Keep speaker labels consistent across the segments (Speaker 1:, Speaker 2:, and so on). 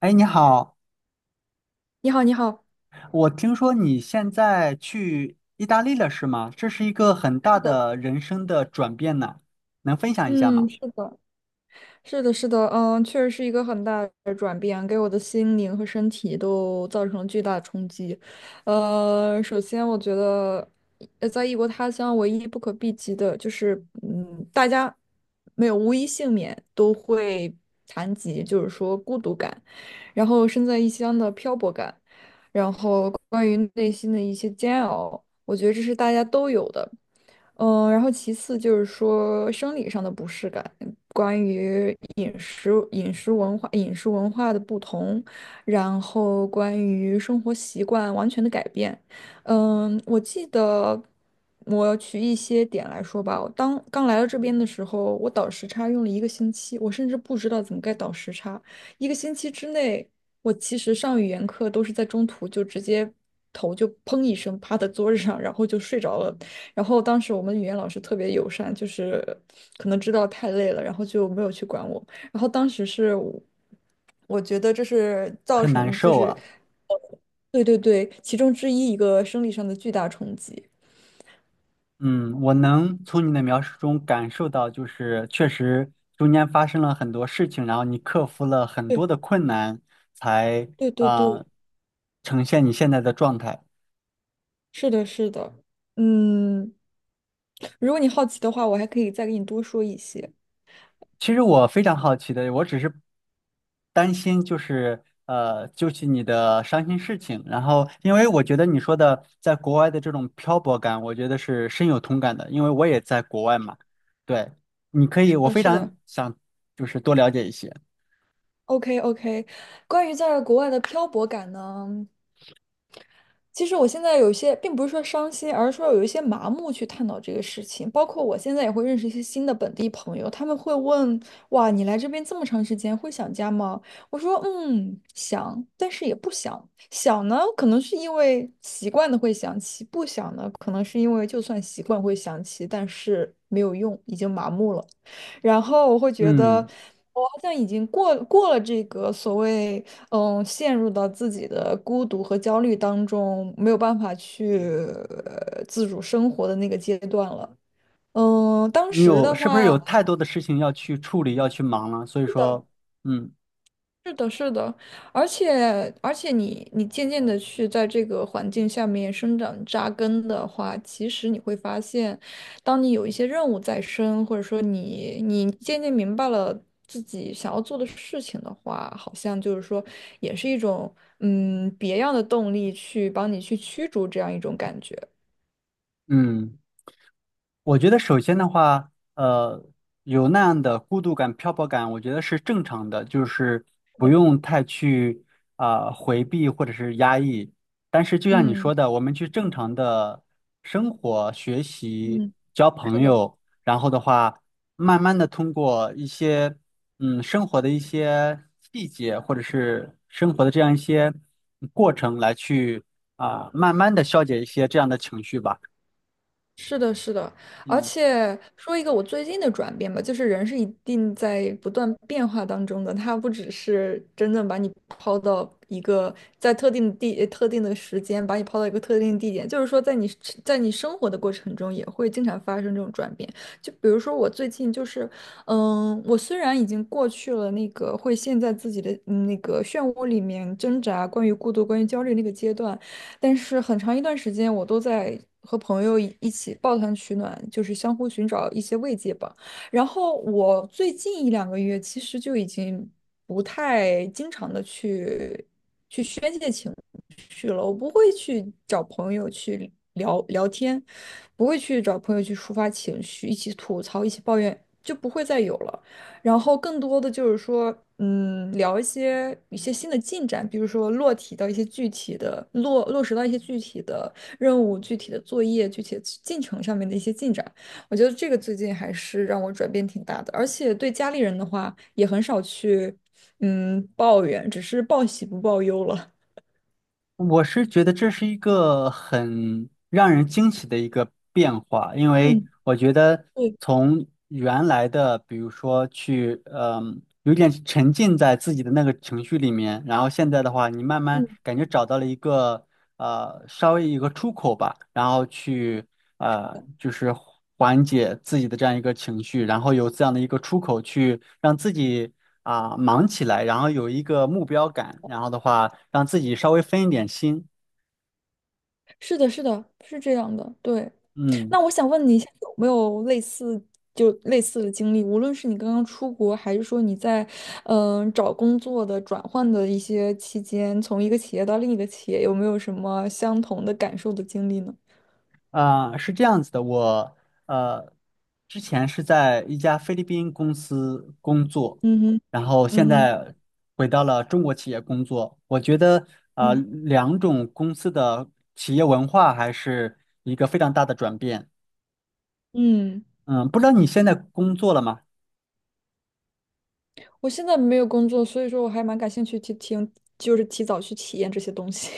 Speaker 1: 哎，你好，
Speaker 2: 你好，你好。
Speaker 1: 我听说你现在去意大利了，是吗？这是一个很
Speaker 2: 是
Speaker 1: 大
Speaker 2: 的。
Speaker 1: 的人生的转变呢，能分享一下吗？
Speaker 2: 嗯，是的。是的，是的。嗯，确实是一个很大的转变，给我的心灵和身体都造成了巨大的冲击。首先我觉得，在异国他乡，唯一不可避及的就是，嗯，大家没有无一幸免都会谈及，就是说孤独感，然后身在异乡的漂泊感，然后关于内心的一些煎熬，我觉得这是大家都有的。嗯,然后其次就是说生理上的不适感，关于饮食、饮食文化、饮食文化的不同，然后关于生活习惯完全的改变。嗯，我记得我取一些点来说吧。我当刚来到这边的时候，我倒时差用了一个星期，我甚至不知道怎么该倒时差。一个星期之内，我其实上语言课都是在中途就直接头就砰一声趴在桌子上，然后就睡着了。然后当时我们语言老师特别友善，就是可能知道太累了，然后就没有去管我。然后当时是我，我觉得这是造
Speaker 1: 很难
Speaker 2: 成就
Speaker 1: 受
Speaker 2: 是，
Speaker 1: 啊。
Speaker 2: 呃对对对，其中之一一个生理上的巨大冲击。
Speaker 1: 嗯，我能从你的描述中感受到，就是确实中间发生了很多事情，然后你克服了很多的
Speaker 2: 对
Speaker 1: 困难，才
Speaker 2: 对对
Speaker 1: 啊，
Speaker 2: 对，
Speaker 1: 呃呈现你现在的状态。
Speaker 2: 是的，是的。嗯，如果你好奇的话，我还可以再给你多说一些。
Speaker 1: 其实我非常好奇的，我只是担心，就是你的伤心事情。然后，因为我觉得你说的在国外的这种漂泊感，我觉得是深有同感的，因为我也在国外嘛。对，你可以，
Speaker 2: 是
Speaker 1: 我
Speaker 2: 的，
Speaker 1: 非
Speaker 2: 是
Speaker 1: 常
Speaker 2: 的。
Speaker 1: 想就是多了解一些。
Speaker 2: OK OK，关于在国外的漂泊感呢？其实我现在有一些，并不是说伤心，而是说有一些麻木去探讨这个事情。包括我现在也会认识一些新的本地朋友，他们会问：“哇，你来这边这么长时间，会想家吗？”我说：“嗯，想，但是也不想。想呢，可能是因为习惯的会想起；不想呢，可能是因为就算习惯会想起，但是没有用，已经麻木了。”然后我会觉得，
Speaker 1: 嗯，
Speaker 2: 我好像已经过过了这个所谓，嗯，陷入到自己的孤独和焦虑当中，没有办法去自主生活的那个阶段了。嗯，当
Speaker 1: 你
Speaker 2: 时
Speaker 1: 有
Speaker 2: 的
Speaker 1: 是不是
Speaker 2: 话，
Speaker 1: 有太多的事情要去处理，要去忙了？所以
Speaker 2: 是的。
Speaker 1: 说，嗯
Speaker 2: 是的，是的，而且你渐渐的去在这个环境下面生长扎根的话，其实你会发现，当你有一些任务在身，或者说你渐渐明白了自己想要做的事情的话，好像就是说也是一种嗯别样的动力去帮你去驱逐这样一种感觉。
Speaker 1: 嗯。我觉得首先的话，有那样的孤独感、漂泊感，我觉得是正常的，就是不用太去啊、回避或者是压抑。但是就像你
Speaker 2: 嗯。
Speaker 1: 说的，我们去正常的生活、学习、
Speaker 2: 嗯，
Speaker 1: 交
Speaker 2: 是
Speaker 1: 朋
Speaker 2: 的。
Speaker 1: 友，然后的话，慢慢的通过一些生活的一些细节，或者是生活的这样一些过程来去啊、慢慢的消解一些这样的情绪吧。
Speaker 2: 是的，是的，而
Speaker 1: 嗯。
Speaker 2: 且说一个我最近的转变吧，就是人是一定在不断变化当中的，他不只是真正把你抛到一个在特定的地、特定的时间，把你抛到一个特定的地点，就是说在你在你生活的过程中也会经常发生这种转变。就比如说我最近就是，嗯，我虽然已经过去了那个会陷在自己的嗯那个漩涡里面挣扎，关于孤独、关于焦虑那个阶段，但是很长一段时间，我都在和朋友一起抱团取暖，就是相互寻找一些慰藉吧。然后我最近一两个月，其实就已经不太经常的去去宣泄情绪了。我不会去找朋友去聊聊天，不会去找朋友去抒发情绪，一起吐槽，一起抱怨，就不会再有了。然后更多的就是说，嗯，聊一些新的进展，比如说落体到一些具体的落落实到一些具体的任务、具体的作业、具体的进程上面的一些进展。我觉得这个最近还是让我转变挺大的，而且对家里人的话也很少去，嗯，抱怨，只是报喜不报忧了。
Speaker 1: 我是觉得这是一个很让人惊喜的一个变化，因为
Speaker 2: 嗯，
Speaker 1: 我觉得
Speaker 2: 对。
Speaker 1: 从原来的，比如说去，嗯，有点沉浸在自己的那个情绪里面，然后现在的话，你慢
Speaker 2: 嗯，
Speaker 1: 慢感觉找到了一个。稍微一个出口吧，然后去就是缓解自己的这样一个情绪，然后有这样的一个出口去让自己啊、忙起来，然后有一个目标感，然后的话让自己稍微分一点心，
Speaker 2: 是的。是的，是这样的，对。
Speaker 1: 嗯。
Speaker 2: 那我想问你一下，有没有类似就类似的经历？无论是你刚刚出国，还是说你在找工作的转换的一些期间，从一个企业到另一个企业，有没有什么相同的感受的经历呢？
Speaker 1: 啊、是这样子的，我呃之前是在一家菲律宾公司工作，
Speaker 2: 嗯哼。
Speaker 1: 然后
Speaker 2: 嗯
Speaker 1: 现
Speaker 2: 哼。
Speaker 1: 在回到了中国企业工作。我觉得啊，
Speaker 2: 嗯。
Speaker 1: 两种公司的企业文化还是一个非常大的转变。
Speaker 2: 嗯，
Speaker 1: 嗯，不知道你现在工作了吗？
Speaker 2: 我现在没有工作，所以说我还蛮感兴趣去听，就是提早去体验这些东西。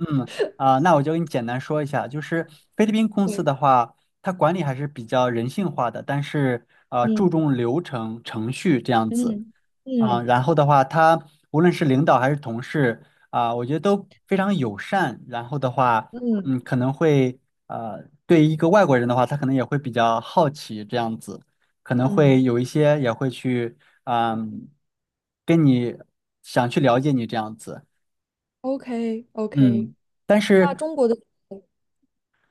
Speaker 1: 啊、那我就给你简单说一下，就是菲律宾公司
Speaker 2: 对。
Speaker 1: 的话，它管理还是比较人性化的，但是啊注
Speaker 2: 嗯。
Speaker 1: 重流程程序这样子。
Speaker 2: 嗯。
Speaker 1: 啊，
Speaker 2: 嗯。
Speaker 1: 然后的话，他无论是领导还是同事啊，我觉得都非常友善。然后的话，
Speaker 2: 嗯。
Speaker 1: 嗯，可能会对于一个外国人的话，他可能也会比较好奇这样子，可能
Speaker 2: 嗯
Speaker 1: 会有一些也会去嗯，跟你想去了解你这样子，
Speaker 2: ，OK OK，
Speaker 1: 嗯，但
Speaker 2: 那
Speaker 1: 是
Speaker 2: 中国的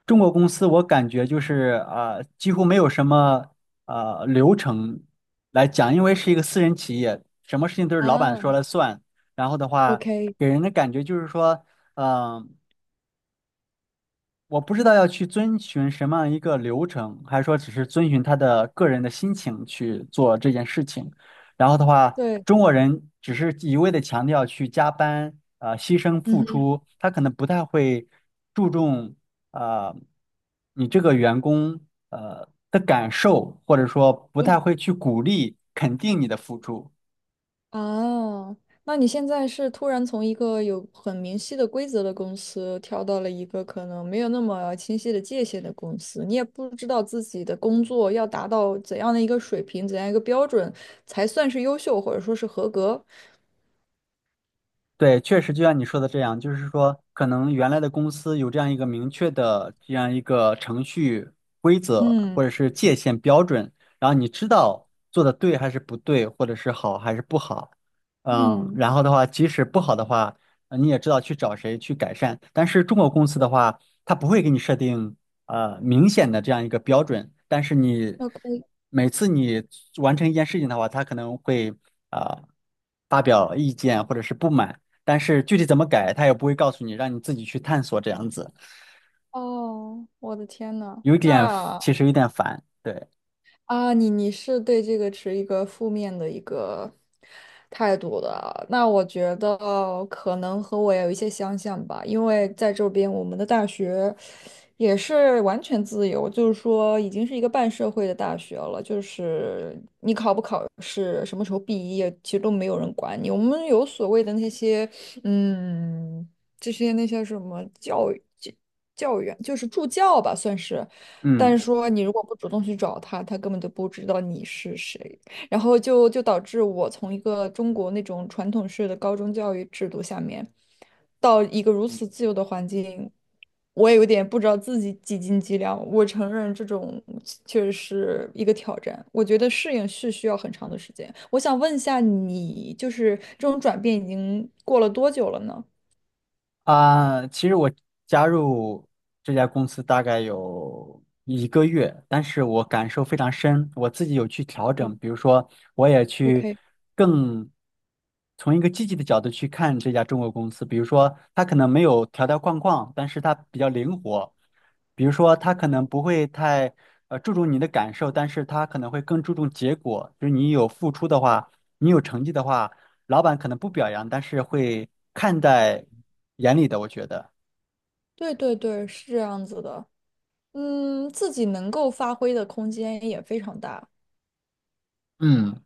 Speaker 1: 中国公司我感觉就是啊，几乎没有什么流程来讲，因为是一个私人企业，什么事情都是老板
Speaker 2: 啊
Speaker 1: 说了算。然后的话，
Speaker 2: ，OK，
Speaker 1: 给人的感觉就是说，嗯。我不知道要去遵循什么样一个流程，还是说只是遵循他的个人的心情去做这件事情。然后的话，
Speaker 2: 对。
Speaker 1: 中国人只是一味的强调去加班，牺牲
Speaker 2: 嗯
Speaker 1: 付
Speaker 2: 哼。
Speaker 1: 出，他可能不太会注重呃你这个员工的感受，或者说不太会去鼓励肯定你的付出。
Speaker 2: 啊，那你现在是突然从一个有很明晰的规则的公司跳到了一个可能没有那么清晰的界限的公司，你也不知道自己的工作要达到怎样的一个水平，怎样一个标准才算是优秀或者说是合格。
Speaker 1: 对，确实就像你说的这样，就是说，可能原来的公司有这样一个明确的这样一个程序规则
Speaker 2: 嗯。
Speaker 1: 或者是界限标准，然后你知道做的对还是不对，或者是好还是不好，嗯，
Speaker 2: 嗯，
Speaker 1: 然后的话，即使不好的话，你也知道去找谁去改善。但是中国公司的话，它不会给你设定明显的这样一个标准，但是你
Speaker 2: OK，
Speaker 1: 每次你完成一件事情的话，他可能会啊、呃发表意见或者是不满。但是具体怎么改，他也不会告诉你，让你自己去探索这样子，
Speaker 2: 哦，我的天呐，
Speaker 1: 有点
Speaker 2: 那。
Speaker 1: 其实有点烦。对，
Speaker 2: 啊，你你是对这个持一个负面的一个态度的啊。那我觉得可能和我有一些相像吧，因为在这边我们的大学也是完全自由，就是说已经是一个半社会的大学了，就是你考不考试，什么时候毕业，其实都没有人管你。我们有所谓的那些，嗯，这些那些什么教育教员，就是助教吧，算是。但是
Speaker 1: 嗯。
Speaker 2: 说你如果不主动去找他，他根本就不知道你是谁，然后就导致我从一个中国那种传统式的高中教育制度下面，到一个如此自由的环境，我也有点不知道自己几斤几两。我承认这种确实是一个挑战，我觉得适应是需要很长的时间。我想问一下你，就是这种转变已经过了多久了呢
Speaker 1: 啊，其实我加入这家公司大概有一个月，但是我感受非常深，我自己有去调整，比如说我也去
Speaker 2: ？OK，
Speaker 1: 更从一个积极的角度去看这家中国公司，比如说它可能没有条条框框，但是它比较灵活，比如说它可能不会太注重你的感受，但是它可能会更注重结果，就是你有付出的话，你有成绩的话。老板可能不表扬，但是会看在眼里的，我觉得。
Speaker 2: 对对对，是这样子的。嗯，自己能够发挥的空间也非常大。
Speaker 1: 嗯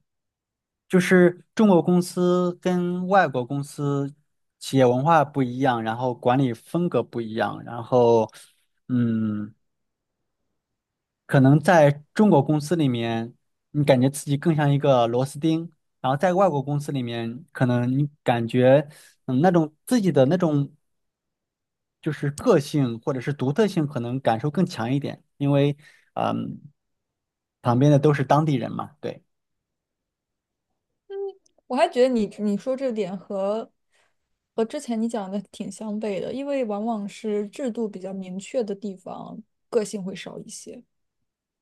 Speaker 1: 就是中国公司跟外国公司企业文化不一样，然后管理风格不一样，然后，嗯，可能在中国公司里面，你感觉自己更像一个螺丝钉，然后在外国公司里面，可能你感觉，嗯，那种自己的那种就是个性或者是独特性可能感受更强一点，因为嗯，旁边的都是当地人嘛，对，
Speaker 2: 我还觉得你说这点和和之前你讲的挺相悖的，因为往往是制度比较明确的地方，个性会少一些。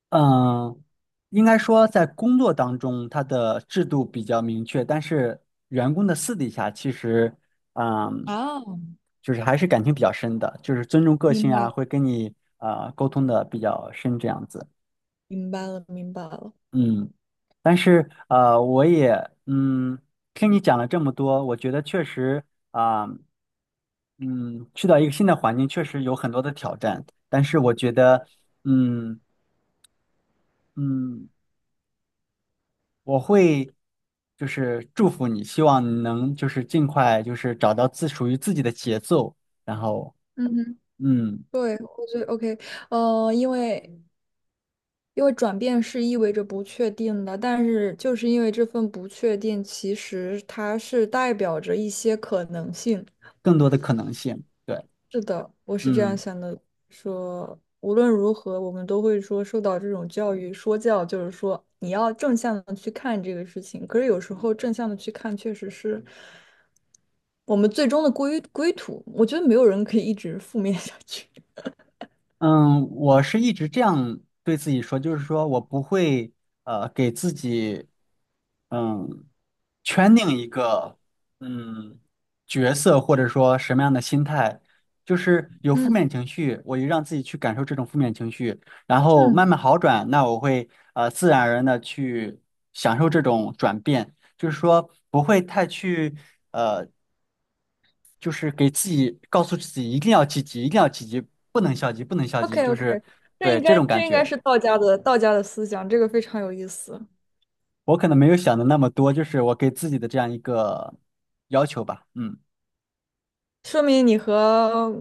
Speaker 1: 嗯，应该说在工作当中，它的制度比较明确，但是员工的私底下其实，嗯，
Speaker 2: 啊，
Speaker 1: 就是还是感情比较深的，就是尊重个
Speaker 2: 明
Speaker 1: 性
Speaker 2: 白
Speaker 1: 啊，
Speaker 2: 了，
Speaker 1: 会跟你沟通的比较深这样子，
Speaker 2: 明白了，明白了。
Speaker 1: 嗯。但是我也嗯，听你讲了这么多，我觉得确实啊、呃嗯，去到一个新的环境确实有很多的挑战，但是我觉得，嗯嗯，我会就是祝福你，希望你能就是尽快就是找到自属于自己的节奏，然后
Speaker 2: 嗯哼，
Speaker 1: 嗯，
Speaker 2: 对，我觉得 OK。因为因为转变是意味着不确定的，但是就是因为这份不确定，其实它是代表着一些可能性。
Speaker 1: 更多的可能性。对，
Speaker 2: 是的，我是这样
Speaker 1: 嗯
Speaker 2: 想的，说无论如何，我们都会说受到这种教育，说教就是说你要正向的去看这个事情。可是有时候正向的去看，确实是我们最终的归归途。我觉得没有人可以一直负面下去。
Speaker 1: 嗯，我是一直这样对自己说，就是说我不会给自己。嗯，圈定一个嗯角色，或者说什么样的心态，就是有负
Speaker 2: 嗯。
Speaker 1: 面情绪，我就让自己去感受这种负面情绪，然后
Speaker 2: 嗯。
Speaker 1: 慢慢好转，那我会自然而然的去享受这种转变，就是说不会太去，就是给自己告诉自己一定要积极，一定要积极，不能消极，不能 消极，
Speaker 2: ，OK
Speaker 1: 就
Speaker 2: OK，
Speaker 1: 是
Speaker 2: 这
Speaker 1: 对
Speaker 2: 应
Speaker 1: 这
Speaker 2: 该
Speaker 1: 种感
Speaker 2: 这应该
Speaker 1: 觉，
Speaker 2: 是道家的思想，这个非常有意思。
Speaker 1: 我可能没有想的那么多，就是我给自己的这样一个要求吧，嗯。
Speaker 2: 说明你和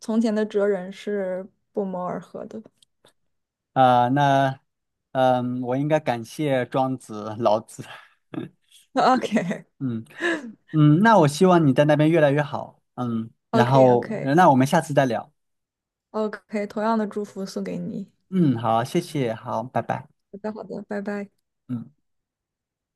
Speaker 2: 从前的哲人是不谋而合的。
Speaker 1: 啊、那嗯，我应该感谢庄子、老子。
Speaker 2: OK
Speaker 1: 嗯嗯，那我希望你在那边越来越好。嗯，然
Speaker 2: OK
Speaker 1: 后
Speaker 2: OK。
Speaker 1: 那我们下次再聊。
Speaker 2: OK，同样的祝福送给你。
Speaker 1: 嗯，好，谢谢，好，拜拜。
Speaker 2: 好的，好的，拜拜。
Speaker 1: 嗯。